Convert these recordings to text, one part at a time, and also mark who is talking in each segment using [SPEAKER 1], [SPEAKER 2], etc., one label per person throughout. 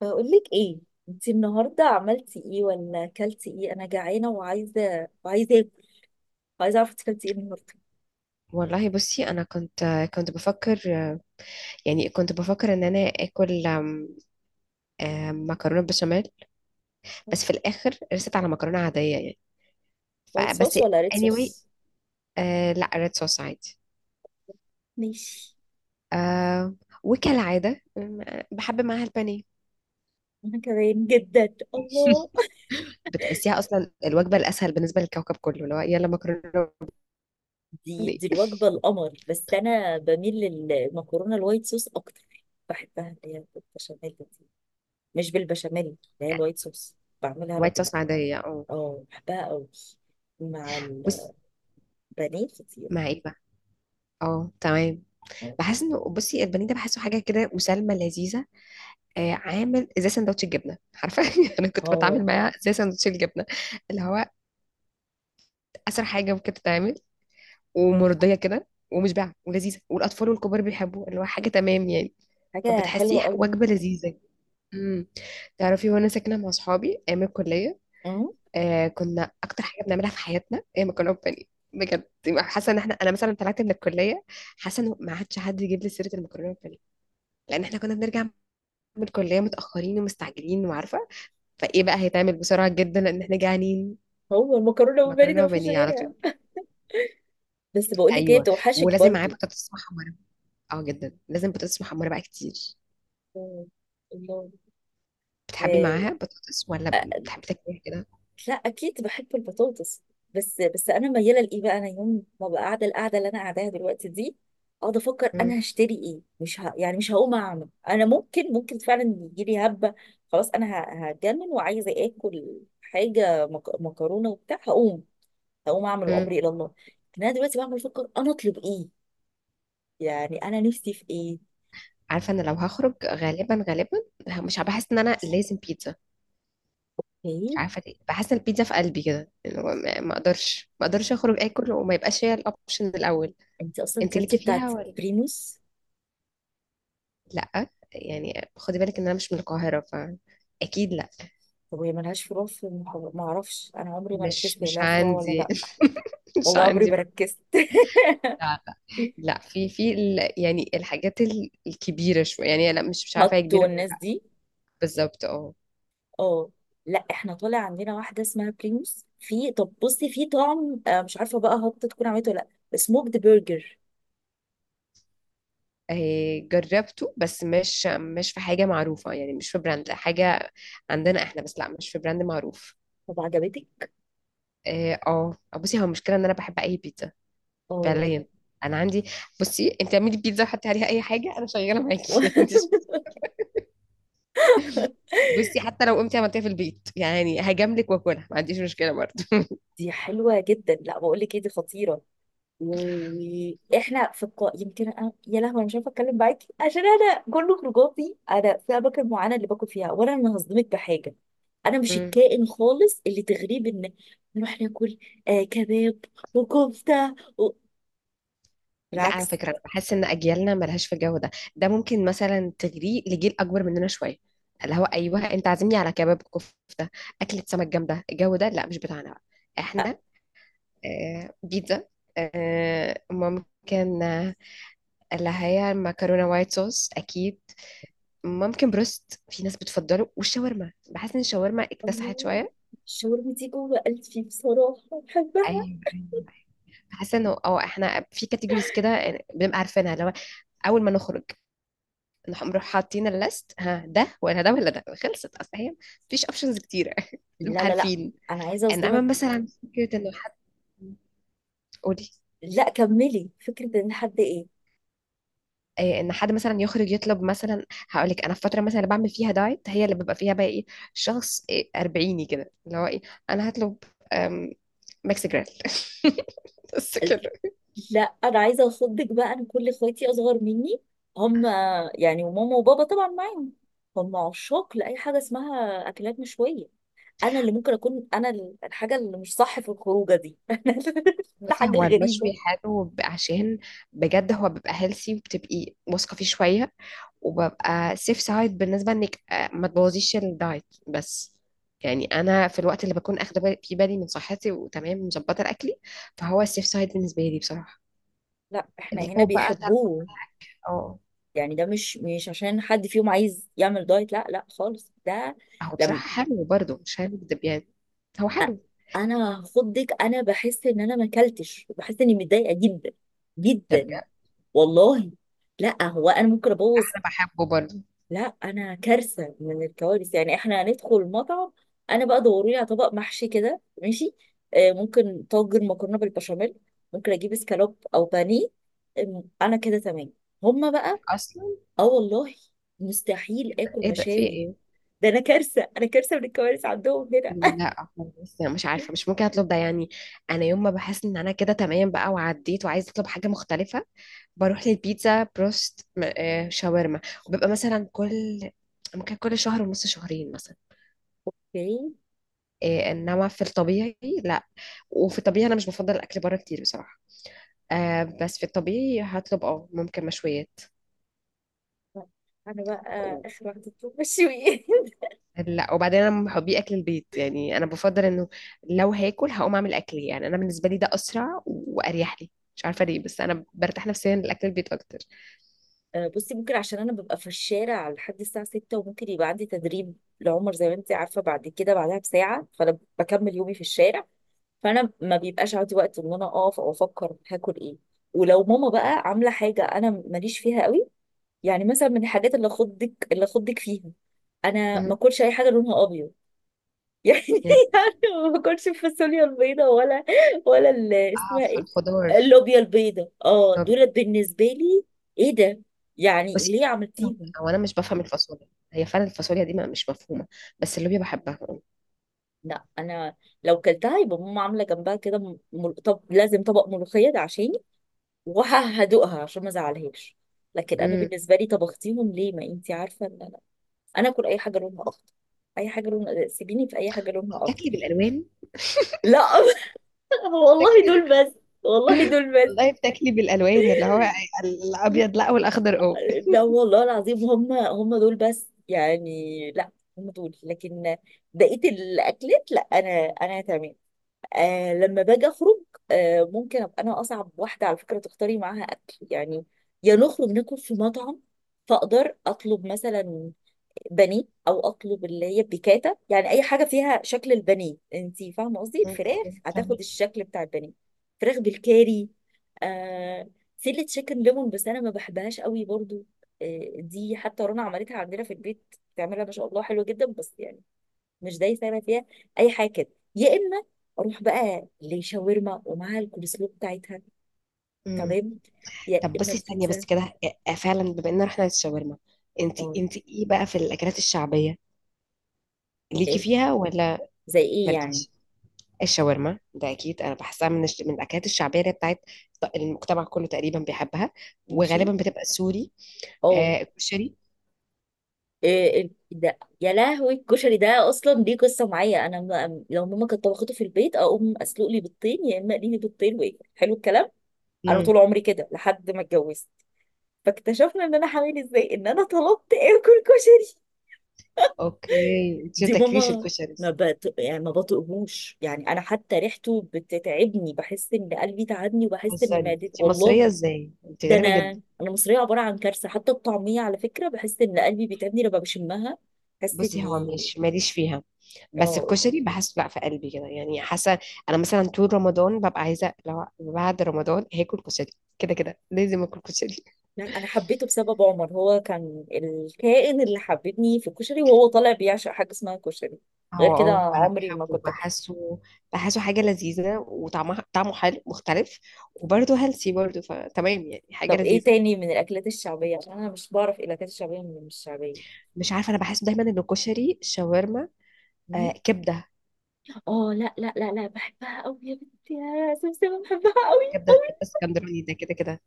[SPEAKER 1] بقولك ايه؟ انتي النهارده عملتي ايه ولا اكلتي ايه؟ انا جعانه وعايزه اكل. عايزه اعرف انتي اكلتي ايه النهارده؟
[SPEAKER 2] والله، بصي، انا كنت بفكر، يعني كنت بفكر ان انا اكل أم، أم، مكرونه بشاميل. بس في الاخر رست على مكرونه عاديه يعني.
[SPEAKER 1] وايت
[SPEAKER 2] فبس
[SPEAKER 1] صوص ولا ريد
[SPEAKER 2] anyway.
[SPEAKER 1] صوص؟
[SPEAKER 2] آه، لا ريد صوص عادي.
[SPEAKER 1] ماشي.
[SPEAKER 2] آه. وكالعاده بحب معاها البانيه.
[SPEAKER 1] انا كمان جدا، الله.
[SPEAKER 2] بتحسيها اصلا الوجبه الاسهل بالنسبه للكوكب كله، اللي هو يلا مكرونه
[SPEAKER 1] دي
[SPEAKER 2] بانيه.
[SPEAKER 1] دي الوجبه القمر، بس انا بميل للمكرونه الوايت صوص اكتر، بحبها اللي هي بالبشاميل دي. مش بالبشاميل، اللي هي الوايت صوص. بعملها انا
[SPEAKER 2] وايت صوص عاديه، اه.
[SPEAKER 1] اه بحبها قوي مع
[SPEAKER 2] بص.
[SPEAKER 1] البانيه كتير.
[SPEAKER 2] مع ايه بقى؟ اه، تمام. بحس انه، بصي، البانيه ده بحسه حاجه كده مسالمه لذيذه. آه، عامل زي سندوتش الجبنه، عارفه؟ انا كنت بتعامل
[SPEAKER 1] اه،
[SPEAKER 2] معاها زي سندوتش الجبنه، اللي هو اسرع حاجه ممكن تتعمل، ومرضيه كده ومشبعه ولذيذه، والاطفال والكبار بيحبوه، اللي هو حاجه تمام يعني.
[SPEAKER 1] حاجه
[SPEAKER 2] فبتحسيه
[SPEAKER 1] حلوه قوي.
[SPEAKER 2] وجبه لذيذه. امم تعرفي، وانا ساكنه مع اصحابي ايام الكليه، آه كنا اكتر حاجه بنعملها في حياتنا هي مكرونه بانيه. بجد، يبقى حاسه ان احنا، انا مثلا طلعت من الكليه، حاسه ان ما عادش حد يجيب لي سيره المكرونه بانيه. لان احنا كنا بنرجع من الكليه متاخرين ومستعجلين وعارفه، فايه بقى هيتعمل بسرعه جدا لان احنا جعانين.
[SPEAKER 1] هو المكرونه بالبانيه ده
[SPEAKER 2] مكرونه
[SPEAKER 1] مفيش
[SPEAKER 2] وبانيه على
[SPEAKER 1] غيرها؟
[SPEAKER 2] طول.
[SPEAKER 1] بس بقول لك ايه،
[SPEAKER 2] ايوه.
[SPEAKER 1] بتوحشك
[SPEAKER 2] ولازم معاه
[SPEAKER 1] برضو.
[SPEAKER 2] بطاطس محمره. اه جدا، لازم بطاطس محمره بقى كتير.
[SPEAKER 1] آه، الله.
[SPEAKER 2] بتحبي
[SPEAKER 1] آه،
[SPEAKER 2] معاها بطاطس ولا
[SPEAKER 1] آه،
[SPEAKER 2] بتحبي تاكليها كده؟
[SPEAKER 1] لا اكيد بحب البطاطس. بس انا مياله لايه بقى، انا يوم ما بقى قاعده القعده اللي انا قاعداها دلوقتي دي اقعد افكر
[SPEAKER 2] مم.
[SPEAKER 1] انا هشتري ايه، مش يعني مش هقوم اعمل، انا ممكن فعلا يجي لي هبه. خلاص انا هتجنن وعايزه اكل حاجه مكرونه وبتاع، هقوم اعمل
[SPEAKER 2] مم.
[SPEAKER 1] وامري الى الله. لكن انا دلوقتي بعمل افكر انا اطلب ايه؟ يعني انا نفسي في
[SPEAKER 2] عارفه، انا لو هخرج غالبا غالبا مش بحس ان انا لازم بيتزا. مش
[SPEAKER 1] ايه؟
[SPEAKER 2] عارفه ليه، بحس ان البيتزا في قلبي كده، اللي هو ما اقدرش اخرج اكل وما يبقاش هي الاوبشن الاول.
[SPEAKER 1] انت اصلا
[SPEAKER 2] انت
[SPEAKER 1] كلتي
[SPEAKER 2] ليكي فيها
[SPEAKER 1] بتاعت
[SPEAKER 2] ولا؟
[SPEAKER 1] بريموس؟
[SPEAKER 2] لا يعني، خدي بالك ان انا مش من القاهره، ف اكيد لا.
[SPEAKER 1] طب وهي ملهاش فروع في المحافظة؟ ما اعرفش، انا عمري ما
[SPEAKER 2] مش
[SPEAKER 1] ركزت هي
[SPEAKER 2] مش
[SPEAKER 1] لها فروع ولا
[SPEAKER 2] عندي.
[SPEAKER 1] لا.
[SPEAKER 2] مش
[SPEAKER 1] والله عمري
[SPEAKER 2] عندي.
[SPEAKER 1] ما ركزت.
[SPEAKER 2] لا لا، في يعني الحاجات الكبيرة شوية، يعني لا مش عارفة هي
[SPEAKER 1] هاتو
[SPEAKER 2] كبيرة ولا
[SPEAKER 1] الناس
[SPEAKER 2] لا.
[SPEAKER 1] دي.
[SPEAKER 2] بالظبط اه.
[SPEAKER 1] اه، لا احنا طالع عندنا واحده اسمها بريموس. في طب بصي، في طعم، آه، مش عارفه بقى هات تكون عملته ولا لا، سموكد برجر.
[SPEAKER 2] آه، جربته بس مش في حاجة معروفة يعني، مش في براند، لا حاجة عندنا احنا، بس لا مش في براند معروف.
[SPEAKER 1] طب عجبتك؟
[SPEAKER 2] اه. آه. بصي، هو المشكلة ان انا بحب اي بيتزا
[SPEAKER 1] اه.
[SPEAKER 2] فعليا. انا عندي، بصي، انت اعملي بيتزا وحطي عليها اي حاجة، انا شغالة معاكي. انت، بصي، حتى لو قمتي عملتيها في البيت يعني هجاملك واكلها، ما عنديش مشكلة برضه.
[SPEAKER 1] دي حلوه جدا. لا بقول لك ايه، دي خطيره. واحنا في القاء يمكن يا لهوي انا مش عارفه اتكلم معاكي، عشان انا كل خروجاتي انا في اماكن معينه اللي باكل فيها، وانا هصدمك بحاجه. انا مش الكائن خالص اللي تغريب ان نروح ناكل. آه كباب وكفته
[SPEAKER 2] لا، على
[SPEAKER 1] بالعكس.
[SPEAKER 2] فكرة، أنا بحس إن أجيالنا ملهاش في الجو ده. ده ممكن مثلا تجري لجيل أكبر مننا شوية، اللي هو أيوه أنت عازمني على كباب كفتة، أكلة سمك جامدة. الجو ده لا مش بتاعنا بقى.
[SPEAKER 1] آه،
[SPEAKER 2] إحنا، آه، بيتزا، آه ممكن، اللي هي المكرونة وايت صوص أكيد، ممكن بروست، في ناس بتفضله، والشاورما، بحس إن الشاورما اكتسحت
[SPEAKER 1] الله،
[SPEAKER 2] شوية.
[SPEAKER 1] الشاورما دي جوه قلبي بصراحه، بحبها.
[SPEAKER 2] أيوه. أيوه، أيوه. بحس إنه أه إحنا في كاتيجوريز كده، آه، بنبقى عارفينها، اللي هو أول ما نخرج نروح حاطين الليست، ها ده ولا ده ولا ده، خلصت. اصل هي مفيش اوبشنز كتيره.
[SPEAKER 1] لا
[SPEAKER 2] بنبقى
[SPEAKER 1] لا لا،
[SPEAKER 2] عارفين.
[SPEAKER 1] انا عايزه
[SPEAKER 2] انما
[SPEAKER 1] اصدمك.
[SPEAKER 2] مثلا فكره انه حد... قولي.
[SPEAKER 1] لا كملي، فكره ان حد ايه.
[SPEAKER 2] إيه؟ ان حد مثلا يخرج يطلب، مثلا هقول لك انا في فتره مثلا اللي بعمل فيها دايت، هي اللي ببقى فيها بقى ايه، شخص إيه اربعيني كده اللي هو ايه. انا هطلب أم، ميكس جريل. بس كده.
[SPEAKER 1] لا انا عايزه اخضك بقى، انا كل اخواتي اصغر مني، هم يعني، وماما وبابا طبعا معاهم، هم عشاق لاي حاجه اسمها اكلات مشويه. انا اللي ممكن اكون انا الحاجه اللي مش صح في الخروجه دي.
[SPEAKER 2] بس
[SPEAKER 1] الحاجه
[SPEAKER 2] هو المشوي
[SPEAKER 1] الغريبه.
[SPEAKER 2] حلو عشان بجد هو بيبقى هيلثي، وبتبقي واثقه فيه شويه، وببقى سيف سايد بالنسبة، انك آه، ما تبوظيش الدايت بس. يعني انا في الوقت اللي بكون اخده في بالي من صحتي وتمام مظبطة اكلي، فهو السيف سايد بالنسبة لي بصراحة.
[SPEAKER 1] لا احنا
[SPEAKER 2] اللي
[SPEAKER 1] هنا
[SPEAKER 2] هو بقى تاكل.
[SPEAKER 1] بيحبوه.
[SPEAKER 2] اه.
[SPEAKER 1] يعني ده مش عشان حد فيهم عايز يعمل دايت، لا لا خالص ده.
[SPEAKER 2] هو
[SPEAKER 1] لما
[SPEAKER 2] بصراحة حلو برضه، مش هنكدب يعني. هو
[SPEAKER 1] أ-
[SPEAKER 2] حلو.
[SPEAKER 1] انا هخضك، انا بحس ان انا ما اكلتش، بحس اني متضايقه جدا
[SPEAKER 2] طب.
[SPEAKER 1] جدا والله. لا هو انا ممكن ابوظ.
[SPEAKER 2] انا بحبه برضه.
[SPEAKER 1] لا انا كارثه من الكوارث، يعني احنا هندخل المطعم انا بقى دوري لي على طبق محشي كده، ماشي. آه ممكن طاجن مكرونه بالبشاميل، ممكن اجيب اسكالوب او بانيه. آم، انا كده تمام. هما بقى
[SPEAKER 2] اصلا
[SPEAKER 1] اه والله مستحيل اكل
[SPEAKER 2] ايه ده، في
[SPEAKER 1] مشاوي.
[SPEAKER 2] ايه؟
[SPEAKER 1] ده انا كارثه، انا كارثه من الكوارث عندهم هنا.
[SPEAKER 2] لا خالص، انا مش عارفه، مش ممكن اطلب ده يعني. انا يوم ما بحس ان انا كده تمام بقى وعديت وعايزه اطلب حاجه مختلفه، بروح للبيتزا، بروست، شاورما. وببقى مثلا كل، ممكن كل شهر ونص، شهرين مثلا. آه، انما في الطبيعي لا. وفي الطبيعي انا مش بفضل الاكل بره كتير بصراحه. آه، بس في الطبيعي هطلب اه، ممكن مشويات
[SPEAKER 1] انا بقى
[SPEAKER 2] و-
[SPEAKER 1] اخر واحده بتوع مشويات.
[SPEAKER 2] لا. وبعدين انا من محبي اكل البيت يعني، انا بفضل انه لو هاكل هقوم اعمل اكلي. يعني انا بالنسبه لي ده اسرع واريح لي، مش عارفه ليه، بس انا برتاح نفسيا لاكل البيت اكتر.
[SPEAKER 1] آه، بصي، ممكن عشان انا ببقى في الشارع لحد الساعه 6 وممكن يبقى عندي تدريب لعمر، زي ما انت عارفه، بعد كده بعدها بساعه، فانا بكمل يومي في الشارع. فانا ما بيبقاش عندي وقت ان انا اقف او افكر هاكل ايه. ولو ماما بقى عامله حاجه انا ماليش فيها قوي. يعني مثلا من الحاجات اللي اخضك فيها، انا
[SPEAKER 2] مم.
[SPEAKER 1] ما اكلش اي حاجه لونها ابيض. يعني.
[SPEAKER 2] يعني.
[SPEAKER 1] يعني ما باكلش الفاصوليا البيضاء، ولا
[SPEAKER 2] اه،
[SPEAKER 1] اسمها
[SPEAKER 2] في
[SPEAKER 1] ايه،
[SPEAKER 2] الخضار.
[SPEAKER 1] اللوبيا البيضاء، اه دول بالنسبه لي. ايه ده؟ يعني
[SPEAKER 2] بس
[SPEAKER 1] ليه عملتيهم؟
[SPEAKER 2] هو انا مش بفهم الفاصوليا، هي فعلا الفاصوليا دي مش مفهومه، بس اللوبيا بحبها.
[SPEAKER 1] لا، انا لو كلتها يبقى ماما عامله جنبها كده طب لازم طبق ملوخيه ده عشاني، وهدوقها عشان ما ازعلهاش. لكن انا
[SPEAKER 2] امم.
[SPEAKER 1] بالنسبه لي، طبختيهم ليه؟ ما انتي عارفه ان انا، انا اكل اي حاجه لونها اخضر، اي حاجه لونها، سيبيني في اي حاجه لونها
[SPEAKER 2] بتاكلي
[SPEAKER 1] اخضر.
[SPEAKER 2] بالالوان؟
[SPEAKER 1] لا. والله
[SPEAKER 2] بتاكلي
[SPEAKER 1] دول
[SPEAKER 2] بال...
[SPEAKER 1] بس. والله دول بس.
[SPEAKER 2] والله بتاكلي بالالوان، اللي هو الابيض لا والاخضر اه.
[SPEAKER 1] لا والله العظيم هم هم دول بس يعني، لا، هم دول. لكن بقية الأكلات، لا أنا، أنا تمام. آه لما باجي اخرج، آه ممكن ابقى انا اصعب واحده على فكره تختاري معاها اكل يعني. يا نخرج ناكل في مطعم فاقدر اطلب مثلا بانيه، او اطلب اللي هي بيكاتا، يعني اي حاجه فيها شكل البانيه، انت فاهمه قصدي،
[SPEAKER 2] مم،
[SPEAKER 1] الفراخ
[SPEAKER 2] مم،
[SPEAKER 1] هتاخد
[SPEAKER 2] فاهمك.
[SPEAKER 1] الشكل بتاع البانيه. فراخ بالكاري، آه سله تشيكن ليمون، بس انا ما بحبهاش قوي برضو. آه دي حتى رنا عملتها عندنا في البيت، بتعملها ما شاء الله حلو جدا، بس يعني مش دايسه انا فيها اي حاجه كده. يا اما اروح بقى لشاورما ومعاها الكولسلو بتاعتها،
[SPEAKER 2] مم.
[SPEAKER 1] تمام، يا
[SPEAKER 2] طب
[SPEAKER 1] اما
[SPEAKER 2] بصي ثانيه بس
[SPEAKER 1] البيتزا.
[SPEAKER 2] كده. آه، فعلا، بما ان احنا الشاورما، انت
[SPEAKER 1] اه،
[SPEAKER 2] انت ايه بقى في الاكلات الشعبيه؟ ليكي
[SPEAKER 1] ال-
[SPEAKER 2] فيها ولا
[SPEAKER 1] زي ايه يعني؟
[SPEAKER 2] مالكيش؟ الشاورما ده اكيد انا بحسها من من الاكلات الشعبيه، اللي هي بتاعت المجتمع كله تقريبا بيحبها.
[SPEAKER 1] ماشي.
[SPEAKER 2] وغالبا بتبقى سوري.
[SPEAKER 1] اه،
[SPEAKER 2] آه الكشري.
[SPEAKER 1] إيه ده يا لهوي، الكشري ده اصلا ليه قصه معايا، انا ما، لو ماما كانت طبخته في البيت اقوم اسلق لي بيضتين، يا اما اقلي لي بيضتين وايه، حلو الكلام. انا طول عمري كده لحد ما اتجوزت، فاكتشفنا ان انا حامل ازاي ان انا طلبت اكل كشري.
[SPEAKER 2] اوكي، انت ما
[SPEAKER 1] دي
[SPEAKER 2] تاكليش
[SPEAKER 1] ماما،
[SPEAKER 2] الكشري؟
[SPEAKER 1] ما بط... يعني ما بطقهوش يعني، انا حتى ريحته بتتعبني، بحس ان قلبي تعبني وبحس
[SPEAKER 2] بتهزري؟
[SPEAKER 1] ان معدتي
[SPEAKER 2] انت مصريه
[SPEAKER 1] والله.
[SPEAKER 2] ازاي؟ انت
[SPEAKER 1] ده
[SPEAKER 2] غريبه
[SPEAKER 1] انا،
[SPEAKER 2] جدا.
[SPEAKER 1] انا مصريه عباره عن كارثه، حتى الطعميه على فكره بحس ان قلبي بيتعبني لما بشمها، بحس
[SPEAKER 2] بصي هو
[SPEAKER 1] اني
[SPEAKER 2] مش ماليش فيها، بس
[SPEAKER 1] اه.
[SPEAKER 2] الكشري بحسه لا في قلبي كده يعني، حاسه انا مثلا طول رمضان ببقى عايزه، لو بعد رمضان هاكل كشري، كده كده لازم اكل كشري.
[SPEAKER 1] لا انا حبيته بسبب عمر، هو كان الكائن اللي حببني في الكشري، وهو طالع بيعشق حاجه اسمها كشري. غير
[SPEAKER 2] هو
[SPEAKER 1] كده
[SPEAKER 2] اه انا
[SPEAKER 1] عمري ما
[SPEAKER 2] بحبه،
[SPEAKER 1] كنت اكله.
[SPEAKER 2] بحسه، بحسه حاجه لذيذه وطعمها طعمه حلو مختلف، وبرده هيلثي برده، فتمام يعني، حاجه
[SPEAKER 1] طب ايه
[SPEAKER 2] لذيذه.
[SPEAKER 1] تاني من الاكلات الشعبيه؟ عشان انا مش بعرف الاكلات الشعبيه من مش الشعبيه.
[SPEAKER 2] مش عارفه، انا بحس دايما ان الكشري، شاورما، آه كبده
[SPEAKER 1] اه لا لا لا لا بحبها قوي يا بنتي يا سمسمة، بحبها قوي
[SPEAKER 2] كبده كبده
[SPEAKER 1] قوي.
[SPEAKER 2] اسكندراني ده كده كده.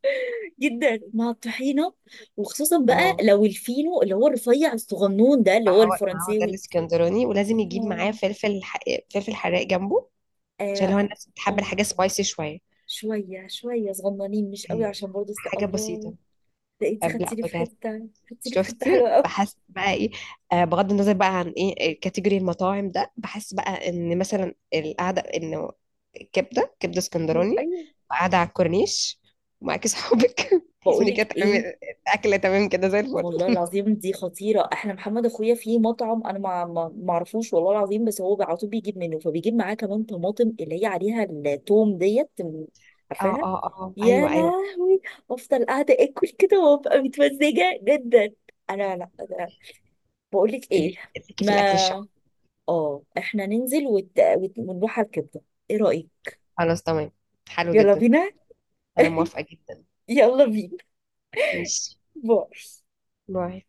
[SPEAKER 1] جدا مع الطحينة، وخصوصا بقى
[SPEAKER 2] اه،
[SPEAKER 1] لو الفينو اللي هو الرفيع الصغنون ده اللي هو
[SPEAKER 2] ما هو ده
[SPEAKER 1] الفرنساوي.
[SPEAKER 2] الاسكندراني، ولازم يجيب معاه
[SPEAKER 1] الله.
[SPEAKER 2] فلفل فلفل حراق جنبه، عشان
[SPEAKER 1] اه
[SPEAKER 2] هو الناس بتحب
[SPEAKER 1] اه.
[SPEAKER 2] الحاجة سبايسي شوية.
[SPEAKER 1] شوية شوية صغننين، مش قوي
[SPEAKER 2] ايوه.
[SPEAKER 1] عشان برضه
[SPEAKER 2] حاجة
[SPEAKER 1] الله.
[SPEAKER 2] بسيطة.
[SPEAKER 1] ده انت
[SPEAKER 2] لا
[SPEAKER 1] خدتيلي في
[SPEAKER 2] بجد.
[SPEAKER 1] حتة، خدتيلي في حتة
[SPEAKER 2] شفت؟
[SPEAKER 1] حلوة قوي.
[SPEAKER 2] بحس بقى ايه، آه، بغض النظر بقى عن ايه كاتيجوري المطاعم ده، بحس بقى ان مثلا القعدة انه كبدة، كبدة اسكندراني،
[SPEAKER 1] ايوه،
[SPEAKER 2] وقاعدة على الكورنيش ومعاكي صحابك، تحس ان كده
[SPEAKER 1] بقولك
[SPEAKER 2] تمام.
[SPEAKER 1] ايه،
[SPEAKER 2] الأكلة تمام كده زي الفل.
[SPEAKER 1] والله العظيم دي خطيرة، احنا محمد اخويا في مطعم انا ما اعرفوش والله العظيم، بس هو على طول بيجيب منه، فبيجيب معاه كمان طماطم اللي هي عليها التوم ديت،
[SPEAKER 2] اه
[SPEAKER 1] عارفاها؟
[SPEAKER 2] اه اه،
[SPEAKER 1] يا
[SPEAKER 2] ايوه ايوه.
[SPEAKER 1] لهوي. افضل قاعدة اكل كده وابقى متمزجة جدا. انا لا، أنا بقول لك ايه،
[SPEAKER 2] ليك- ليكي في الأكل الشعبي؟
[SPEAKER 1] ما اه احنا ننزل ونروح ونروح على الكبدة، ايه رأيك؟
[SPEAKER 2] خلاص، تمام، حلو
[SPEAKER 1] يلا
[SPEAKER 2] جدا.
[SPEAKER 1] بينا.
[SPEAKER 2] انا موافقة جدا.
[SPEAKER 1] يلا بينا.
[SPEAKER 2] ماشي.
[SPEAKER 1] باي.
[SPEAKER 2] باي.